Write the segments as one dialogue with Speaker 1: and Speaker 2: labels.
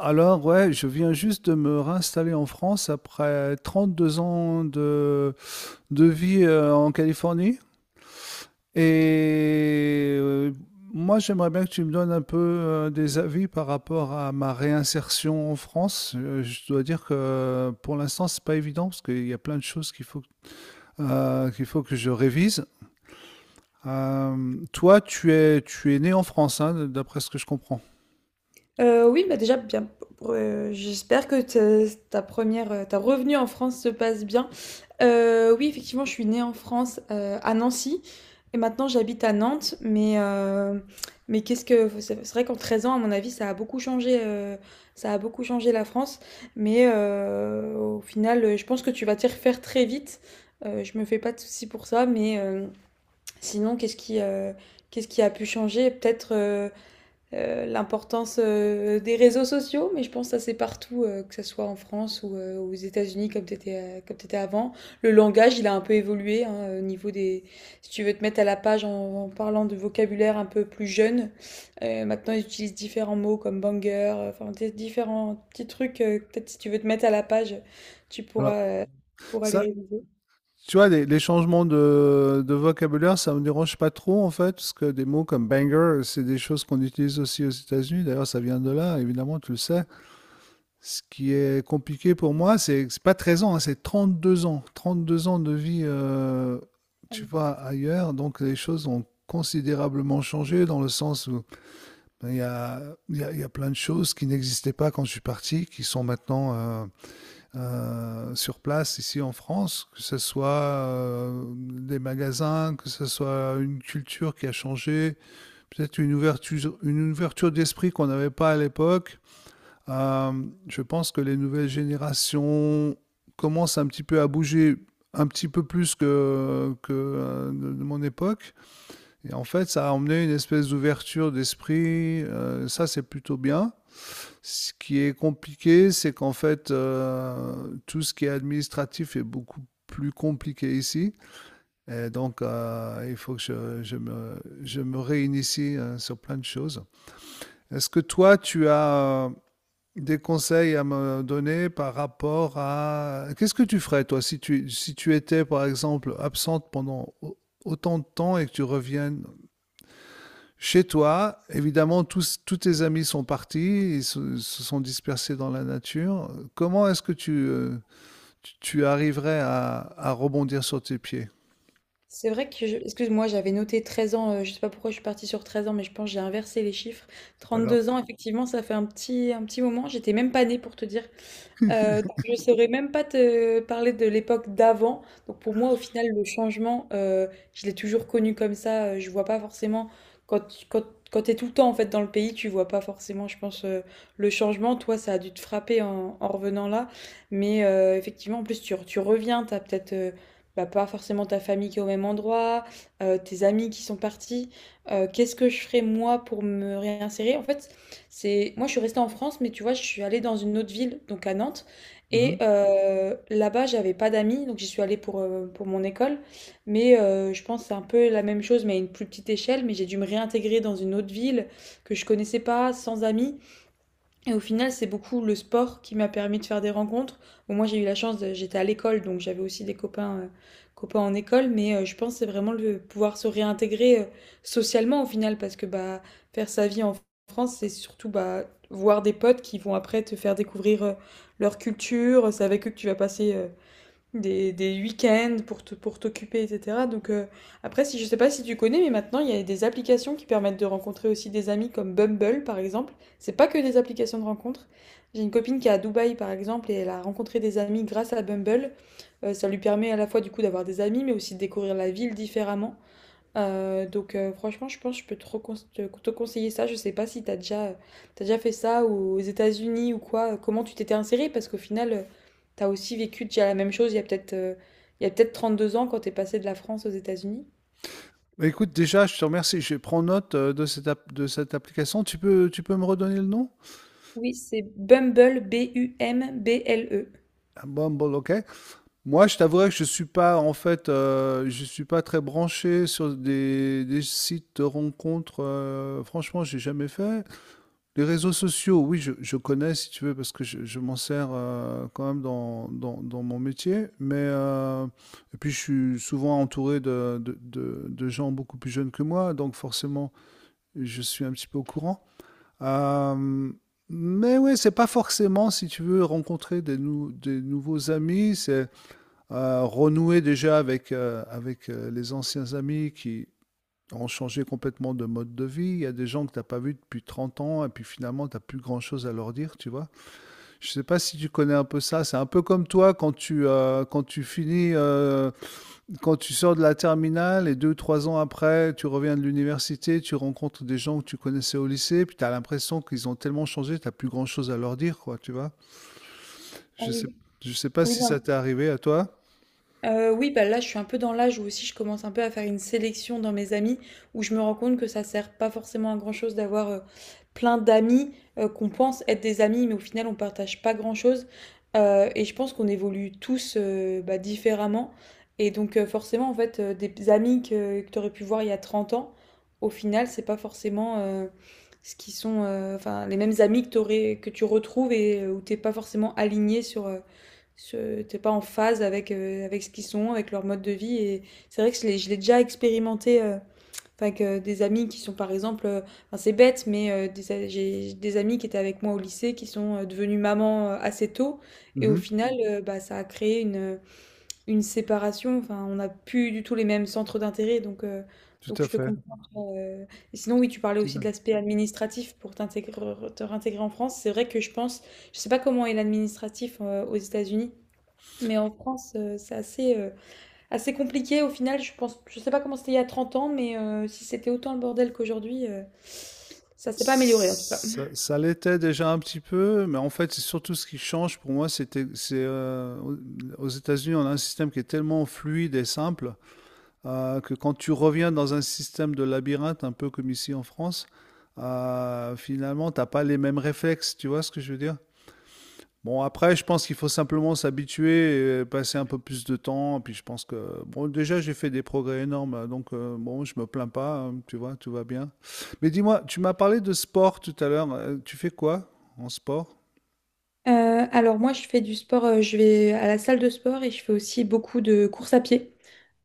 Speaker 1: Alors, ouais, je viens juste de me réinstaller en France après 32 ans de vie en Californie. Et moi, j'aimerais bien que tu me donnes un peu des avis par rapport à ma réinsertion en France. Je dois dire que pour l'instant, c'est pas évident parce qu'il y a plein de choses qu'il faut que je révise. Toi, tu es né en France, hein, d'après ce que je comprends.
Speaker 2: Oui, bah, déjà bien, pour, j'espère que te ta première, ta revenue en France se passe bien. Oui, effectivement, je suis née en France, à Nancy et maintenant j'habite à Nantes, mais qu'est-ce que c'est vrai qu'en 13 ans, à mon avis, ça a beaucoup changé. Ça a beaucoup changé la France, mais au final, je pense que tu vas t'y refaire très vite. Je me fais pas de soucis pour ça, mais sinon qu'est-ce qui a pu changer? Peut-être, l'importance des réseaux sociaux, mais je pense que ça c'est partout, que ce soit en France ou aux États-Unis comme tu étais, comme t'étais avant. Le langage, il a un peu évolué hein, au niveau des... Si tu veux te mettre à la page en parlant de vocabulaire un peu plus jeune, maintenant ils utilisent différents mots comme banger, différents petits trucs. Peut-être si tu veux te mettre à la page, tu
Speaker 1: Voilà.
Speaker 2: pourras, pourras
Speaker 1: Ça,
Speaker 2: les réviser.
Speaker 1: tu vois, les changements de vocabulaire, ça me dérange pas trop en fait, parce que des mots comme banger, c'est des choses qu'on utilise aussi aux États-Unis. D'ailleurs, ça vient de là, évidemment, tu le sais. Ce qui est compliqué pour moi, c'est pas 13 ans, hein, c'est 2 ans. 32 ans de vie, tu vois, ailleurs. Donc, les choses ont considérablement changé dans le sens où ben, il y a plein de choses qui n'existaient pas quand je suis parti, qui sont maintenant sur place ici en France, que ce soit des magasins, que ce soit une culture qui a changé, peut-être une ouverture d'esprit qu'on n'avait pas à l'époque. Euh, je pense que les nouvelles générations commencent un petit peu à bouger un petit peu plus que de mon époque. Et en fait, ça a emmené une espèce d'ouverture d'esprit. Ça, c'est plutôt bien. Ce qui est compliqué, c'est qu'en fait, tout ce qui est administratif est beaucoup plus compliqué ici. Et donc, il faut que je me réinitie sur plein de choses. Est-ce que toi, tu as des conseils à me donner par rapport à... Qu'est-ce que tu ferais, toi, si tu étais, par exemple, absente pendant autant de temps et que tu reviennes chez toi, évidemment, tous tes amis sont partis, ils se sont dispersés dans la nature. Comment est-ce que tu arriverais à rebondir sur tes pieds?
Speaker 2: C'est vrai que je excuse-moi, j'avais noté 13 ans, je sais pas pourquoi je suis partie sur 13 ans, mais je pense que j'ai inversé les chiffres.
Speaker 1: C'est pas grave.
Speaker 2: 32 ans, effectivement, ça fait un petit moment. J'étais même pas née pour te dire. Donc je ne saurais même pas te parler de l'époque d'avant. Donc pour moi, au final, le changement, je l'ai toujours connu comme ça. Je vois pas forcément quand quand quand t'es tout le temps en fait dans le pays, tu vois pas forcément, je pense, le changement. Toi, ça a dû te frapper en revenant là. Mais effectivement, en plus, tu reviens, t'as peut-être bah, pas forcément ta famille qui est au même endroit, tes amis qui sont partis. Qu'est-ce que je ferais moi pour me réinsérer? En fait, moi, je suis restée en France, mais tu vois, je suis allée dans une autre ville, donc à Nantes.
Speaker 1: Mhm.
Speaker 2: Et là-bas, j'avais pas d'amis, donc j'y suis allée pour mon école. Mais je pense que c'est un peu la même chose, mais à une plus petite échelle. Mais j'ai dû me réintégrer dans une autre ville que je connaissais pas, sans amis. Et au final, c'est beaucoup le sport qui m'a permis de faire des rencontres. Bon, moi, j'ai eu la chance, j'étais à l'école, donc j'avais aussi des copains en école, mais je pense que c'est vraiment le pouvoir se réintégrer socialement au final, parce que bah, faire sa vie en France, c'est surtout bah, voir des potes qui vont après te faire découvrir leur culture. C'est avec eux que tu vas passer des week-ends pour t'occuper, etc. Donc après, si je sais pas si tu connais, mais maintenant il y a des applications qui permettent de rencontrer aussi des amis comme Bumble par exemple. C'est pas que des applications de rencontre. J'ai une copine qui est à Dubaï par exemple et elle a rencontré des amis grâce à Bumble. Ça lui permet à la fois du coup d'avoir des amis, mais aussi de découvrir la ville différemment. Donc, franchement, je pense que je peux trop conse- te te conseiller ça. Je sais pas si t'as déjà fait ça ou aux États-Unis ou quoi. Comment tu t'étais insérée parce qu'au final, t'as aussi vécu déjà la même chose il y a peut-être 32 ans quand t'es passé de la France aux États-Unis.
Speaker 1: Bah, écoute, déjà, je te remercie. Je prends note de cette application. Tu peux me redonner le nom?
Speaker 2: Oui, c'est Bumble, Bumble.
Speaker 1: Ah, Bumble, ok. Moi, je t'avouerais que je suis pas, en fait, je suis pas très branché sur des sites de rencontres. Franchement, j'ai jamais fait. Les réseaux sociaux, oui, je connais si tu veux, parce que je m'en sers quand même dans mon métier. Et puis, je suis souvent entouré de gens beaucoup plus jeunes que moi, donc forcément, je suis un petit peu au courant. Euh, mais oui, c'est pas forcément, si tu veux, rencontrer des nouveaux amis, c'est renouer déjà avec, avec les anciens amis qui ont changé complètement de mode de vie. Il y a des gens que tu n'as pas vus depuis 30 ans et puis finalement, tu n'as plus grand-chose à leur dire, tu vois. Je ne sais pas si tu connais un peu ça. C'est un peu comme toi quand tu sors de la terminale et 2, 3 ans après, tu reviens de l'université, tu rencontres des gens que tu connaissais au lycée, puis tu as l'impression qu'ils ont tellement changé, tu n'as plus grand-chose à leur dire, quoi, tu vois.
Speaker 2: Ah
Speaker 1: Je ne sais,
Speaker 2: oui.
Speaker 1: je sais pas
Speaker 2: Oui,
Speaker 1: si ça t'est arrivé à toi.
Speaker 2: Oui, bah, là, je suis un peu dans l'âge où aussi je commence un peu à faire une sélection dans mes amis, où je me rends compte que ça sert pas forcément à grand-chose d'avoir, plein d'amis, qu'on pense être des amis, mais au final on partage pas grand-chose. Et je pense qu'on évolue tous, bah, différemment et donc forcément, en fait, des amis que tu aurais pu voir il y a 30 ans, au final, c'est pas forcément, ce qui sont, enfin, les mêmes amis que tu retrouves et où t'es pas forcément aligné sur, t'es pas en phase avec, avec ce qu'ils sont, avec leur mode de vie. Et c'est vrai que je l'ai déjà expérimenté enfin, avec des amis qui sont, par exemple, enfin, c'est bête, mais j'ai des amis qui étaient avec moi au lycée qui sont devenus mamans assez tôt. Et au
Speaker 1: Mhm.
Speaker 2: final, bah, ça a créé une séparation. Enfin, on n'a plus du tout les mêmes centres d'intérêt.
Speaker 1: Tout
Speaker 2: Donc
Speaker 1: à
Speaker 2: je te
Speaker 1: fait.
Speaker 2: comprends. Et sinon, oui, tu parlais
Speaker 1: Tout
Speaker 2: aussi
Speaker 1: à
Speaker 2: de
Speaker 1: fait.
Speaker 2: l'aspect administratif pour t'intégrer, te réintégrer en France. C'est vrai que je pense, je sais pas comment est l'administratif aux États-Unis. Mais en France, c'est assez, assez compliqué. Au final, je pense, je sais pas comment c'était il y a 30 ans, mais si c'était autant le bordel qu'aujourd'hui, ça s'est pas amélioré en tout cas.
Speaker 1: Ça l'était déjà un petit peu, mais en fait, c'est surtout ce qui change pour moi, c'est aux États-Unis, on a un système qui est tellement fluide et simple que quand tu reviens dans un système de labyrinthe, un peu comme ici en France, finalement, t'as pas les mêmes réflexes. Tu vois ce que je veux dire? Bon, après, je pense qu'il faut simplement s'habituer, et passer un peu plus de temps. Puis je pense que, bon, déjà, j'ai fait des progrès énormes, là, donc bon, je me plains pas, hein, tu vois, tout va bien. Mais dis-moi, tu m'as parlé de sport tout à l'heure. Tu fais quoi en sport?
Speaker 2: Alors moi, je fais du sport, je vais à la salle de sport et je fais aussi beaucoup de courses à pied.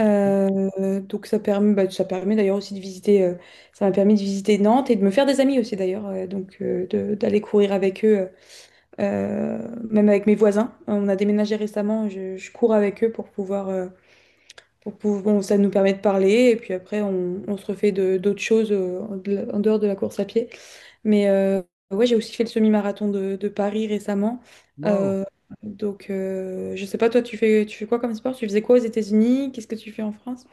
Speaker 2: Donc ça permet, bah, ça permet d'ailleurs aussi de visiter, ça m'a permis de visiter Nantes et de me faire des amis aussi d'ailleurs, d'aller courir avec eux, même avec mes voisins. On a déménagé récemment, je cours avec eux pour pouvoir, bon, ça nous permet de parler et puis après on se d'autres choses en dehors de la course à pied. Mais ouais, j'ai aussi fait le semi-marathon de Paris récemment.
Speaker 1: Wow.
Speaker 2: Euh, donc, je sais pas, tu fais quoi comme sport? Tu faisais quoi aux États-Unis? Qu'est-ce que tu fais en France?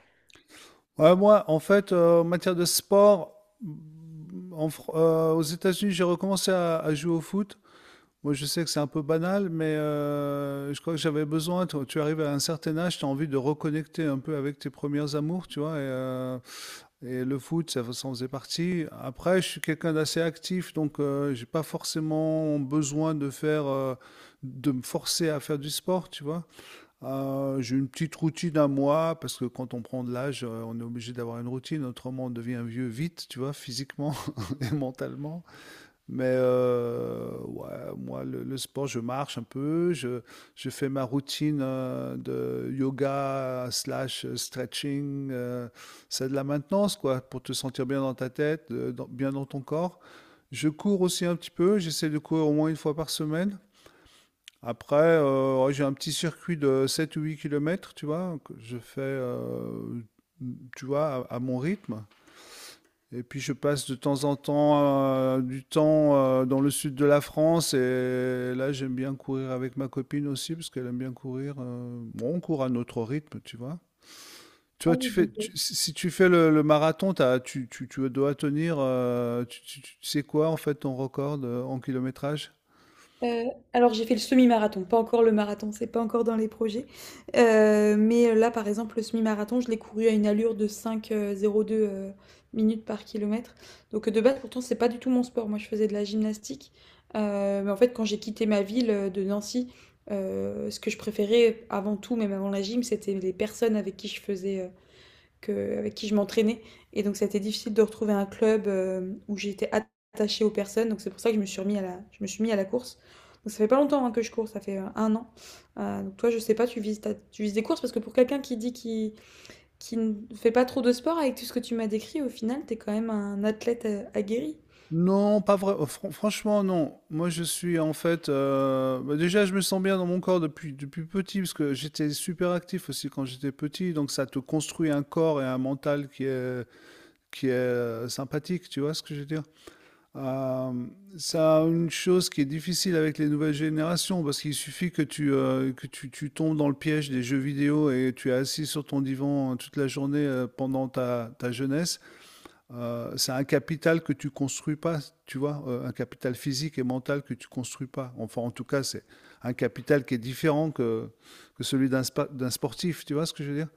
Speaker 1: Ouais, moi, en fait, en matière de sport, aux États-Unis, j'ai recommencé à jouer au foot. Moi, je sais que c'est un peu banal, mais je crois que j'avais besoin. Tu arrives à un certain âge, tu as envie de reconnecter un peu avec tes premières amours, tu vois. Et le foot, ça en faisait partie. Après, je suis quelqu'un d'assez actif, donc j'ai pas forcément besoin de me forcer à faire du sport, tu vois. J'ai une petite routine à moi parce que quand on prend de l'âge, on est obligé d'avoir une routine, autrement on devient vieux vite, tu vois, physiquement et mentalement. Mais ouais, moi, le sport, je marche un peu, je fais ma routine de yoga slash stretching. C'est de la maintenance, quoi, pour te sentir bien dans ta tête, bien dans ton corps. Je cours aussi un petit peu, j'essaie de courir au moins une fois par semaine. Après, ouais, j'ai un petit circuit de 7 ou 8 kilomètres, tu vois, que je fais, tu vois, à mon rythme. Et puis je passe de temps en temps du temps dans le sud de la France et là j'aime bien courir avec ma copine aussi parce qu'elle aime bien courir. Bon, on court à notre rythme, tu vois. Tu
Speaker 2: Ah
Speaker 1: vois,
Speaker 2: oui, donc,
Speaker 1: si tu fais le marathon, tu dois tenir, tu sais quoi en fait ton record en kilométrage?
Speaker 2: alors j'ai fait le semi-marathon, pas encore le marathon, c'est pas encore dans les projets. Mais là, par exemple, le semi-marathon, je l'ai couru à une allure de 5, 0,2, minutes par kilomètre. Donc, de base, pourtant, c'est pas du tout mon sport. Moi, je faisais de la gymnastique. Mais en fait, quand j'ai quitté ma ville, de Nancy, ce que je préférais avant tout, même avant la gym, c'était les personnes avec qui je faisais, avec qui je m'entraînais. Et donc, ça a été difficile de retrouver un club où j'étais attachée aux personnes. Donc, c'est pour ça que je me suis mis à la course. Donc, ça fait pas longtemps hein, que je cours, ça fait un an. Donc, toi, je sais pas, tu vises des courses parce que pour quelqu'un qui dit qu'il qui ne fait pas trop de sport avec tout ce que tu m'as décrit, au final, t'es quand même un athlète aguerri.
Speaker 1: Non, pas vrai. Franchement, non. Moi, je suis en fait. Bah, déjà, je me sens bien dans mon corps depuis petit, parce que j'étais super actif aussi quand j'étais petit. Donc, ça te construit un corps et un mental qui est sympathique. Tu vois ce que je veux dire? Euh, une chose qui est difficile avec les nouvelles générations, parce qu'il suffit que tu tombes dans le piège des jeux vidéo et tu es assis sur ton divan toute la journée pendant ta jeunesse. C'est un capital que tu construis pas, tu vois, un capital physique et mental que tu construis pas. Enfin, en tout cas, c'est un capital qui est différent que celui d'un sportif, tu vois ce que je veux dire?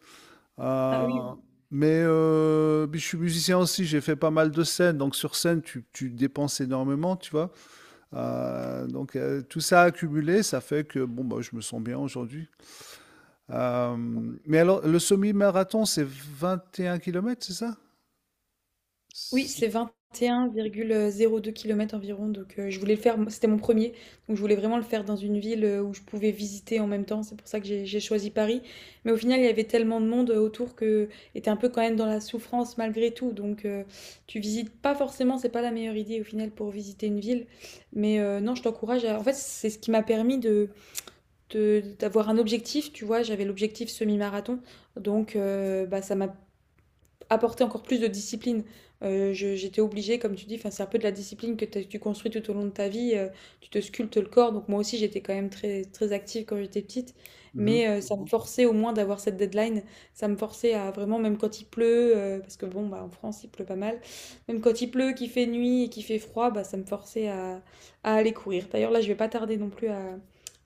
Speaker 2: Ah oui.
Speaker 1: Euh, puis je suis musicien aussi, j'ai fait pas mal de scènes, donc sur scène, tu dépenses énormément, tu vois. Tout ça accumulé, ça fait que bon, bah, je me sens bien aujourd'hui. Euh, mais alors, le semi-marathon, c'est 21 kilomètres, c'est ça?
Speaker 2: Oui,
Speaker 1: C'est-
Speaker 2: c'est 21,02 km environ, donc je voulais le faire moi, c'était mon premier, donc je voulais vraiment le faire dans une ville, où je pouvais visiter en même temps. C'est pour ça que j'ai choisi Paris, mais au final, il y avait tellement de monde, autour que et un peu quand même dans la souffrance malgré tout, donc tu visites pas forcément, c'est pas la meilleure idée au final pour visiter une ville, mais non, je t'encourage à en fait, c'est ce qui m'a permis de d'avoir un objectif, tu vois? J'avais l'objectif semi-marathon, donc bah, ça m'a apporter encore plus de discipline. J'étais obligée, comme tu dis, enfin, c'est un peu de la discipline que tu construis tout au long de ta vie. Tu te sculptes le corps. Donc moi aussi, j'étais quand même très, très active quand j'étais petite.
Speaker 1: Mhm.
Speaker 2: Mais ça me forçait au moins d'avoir cette deadline. Ça me forçait à vraiment, même quand il pleut, parce que bon, bah, en France, il pleut pas mal. Même quand il pleut, qu'il fait nuit et qu'il fait froid, bah, ça me forçait à aller courir. D'ailleurs, là, je vais pas tarder non plus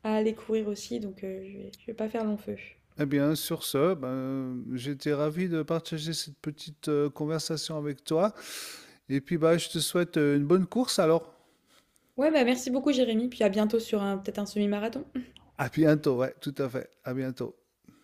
Speaker 2: à aller courir aussi. Donc je vais pas faire long feu.
Speaker 1: Eh bien, sur ce, ben, j'étais ravi de partager cette petite conversation avec toi. Et puis, bah, je te souhaite une bonne course alors.
Speaker 2: Ouais, bah merci beaucoup, Jérémy. Puis à bientôt sur un, peut-être un semi-marathon.
Speaker 1: À bientôt, ouais, tout à fait. À bientôt.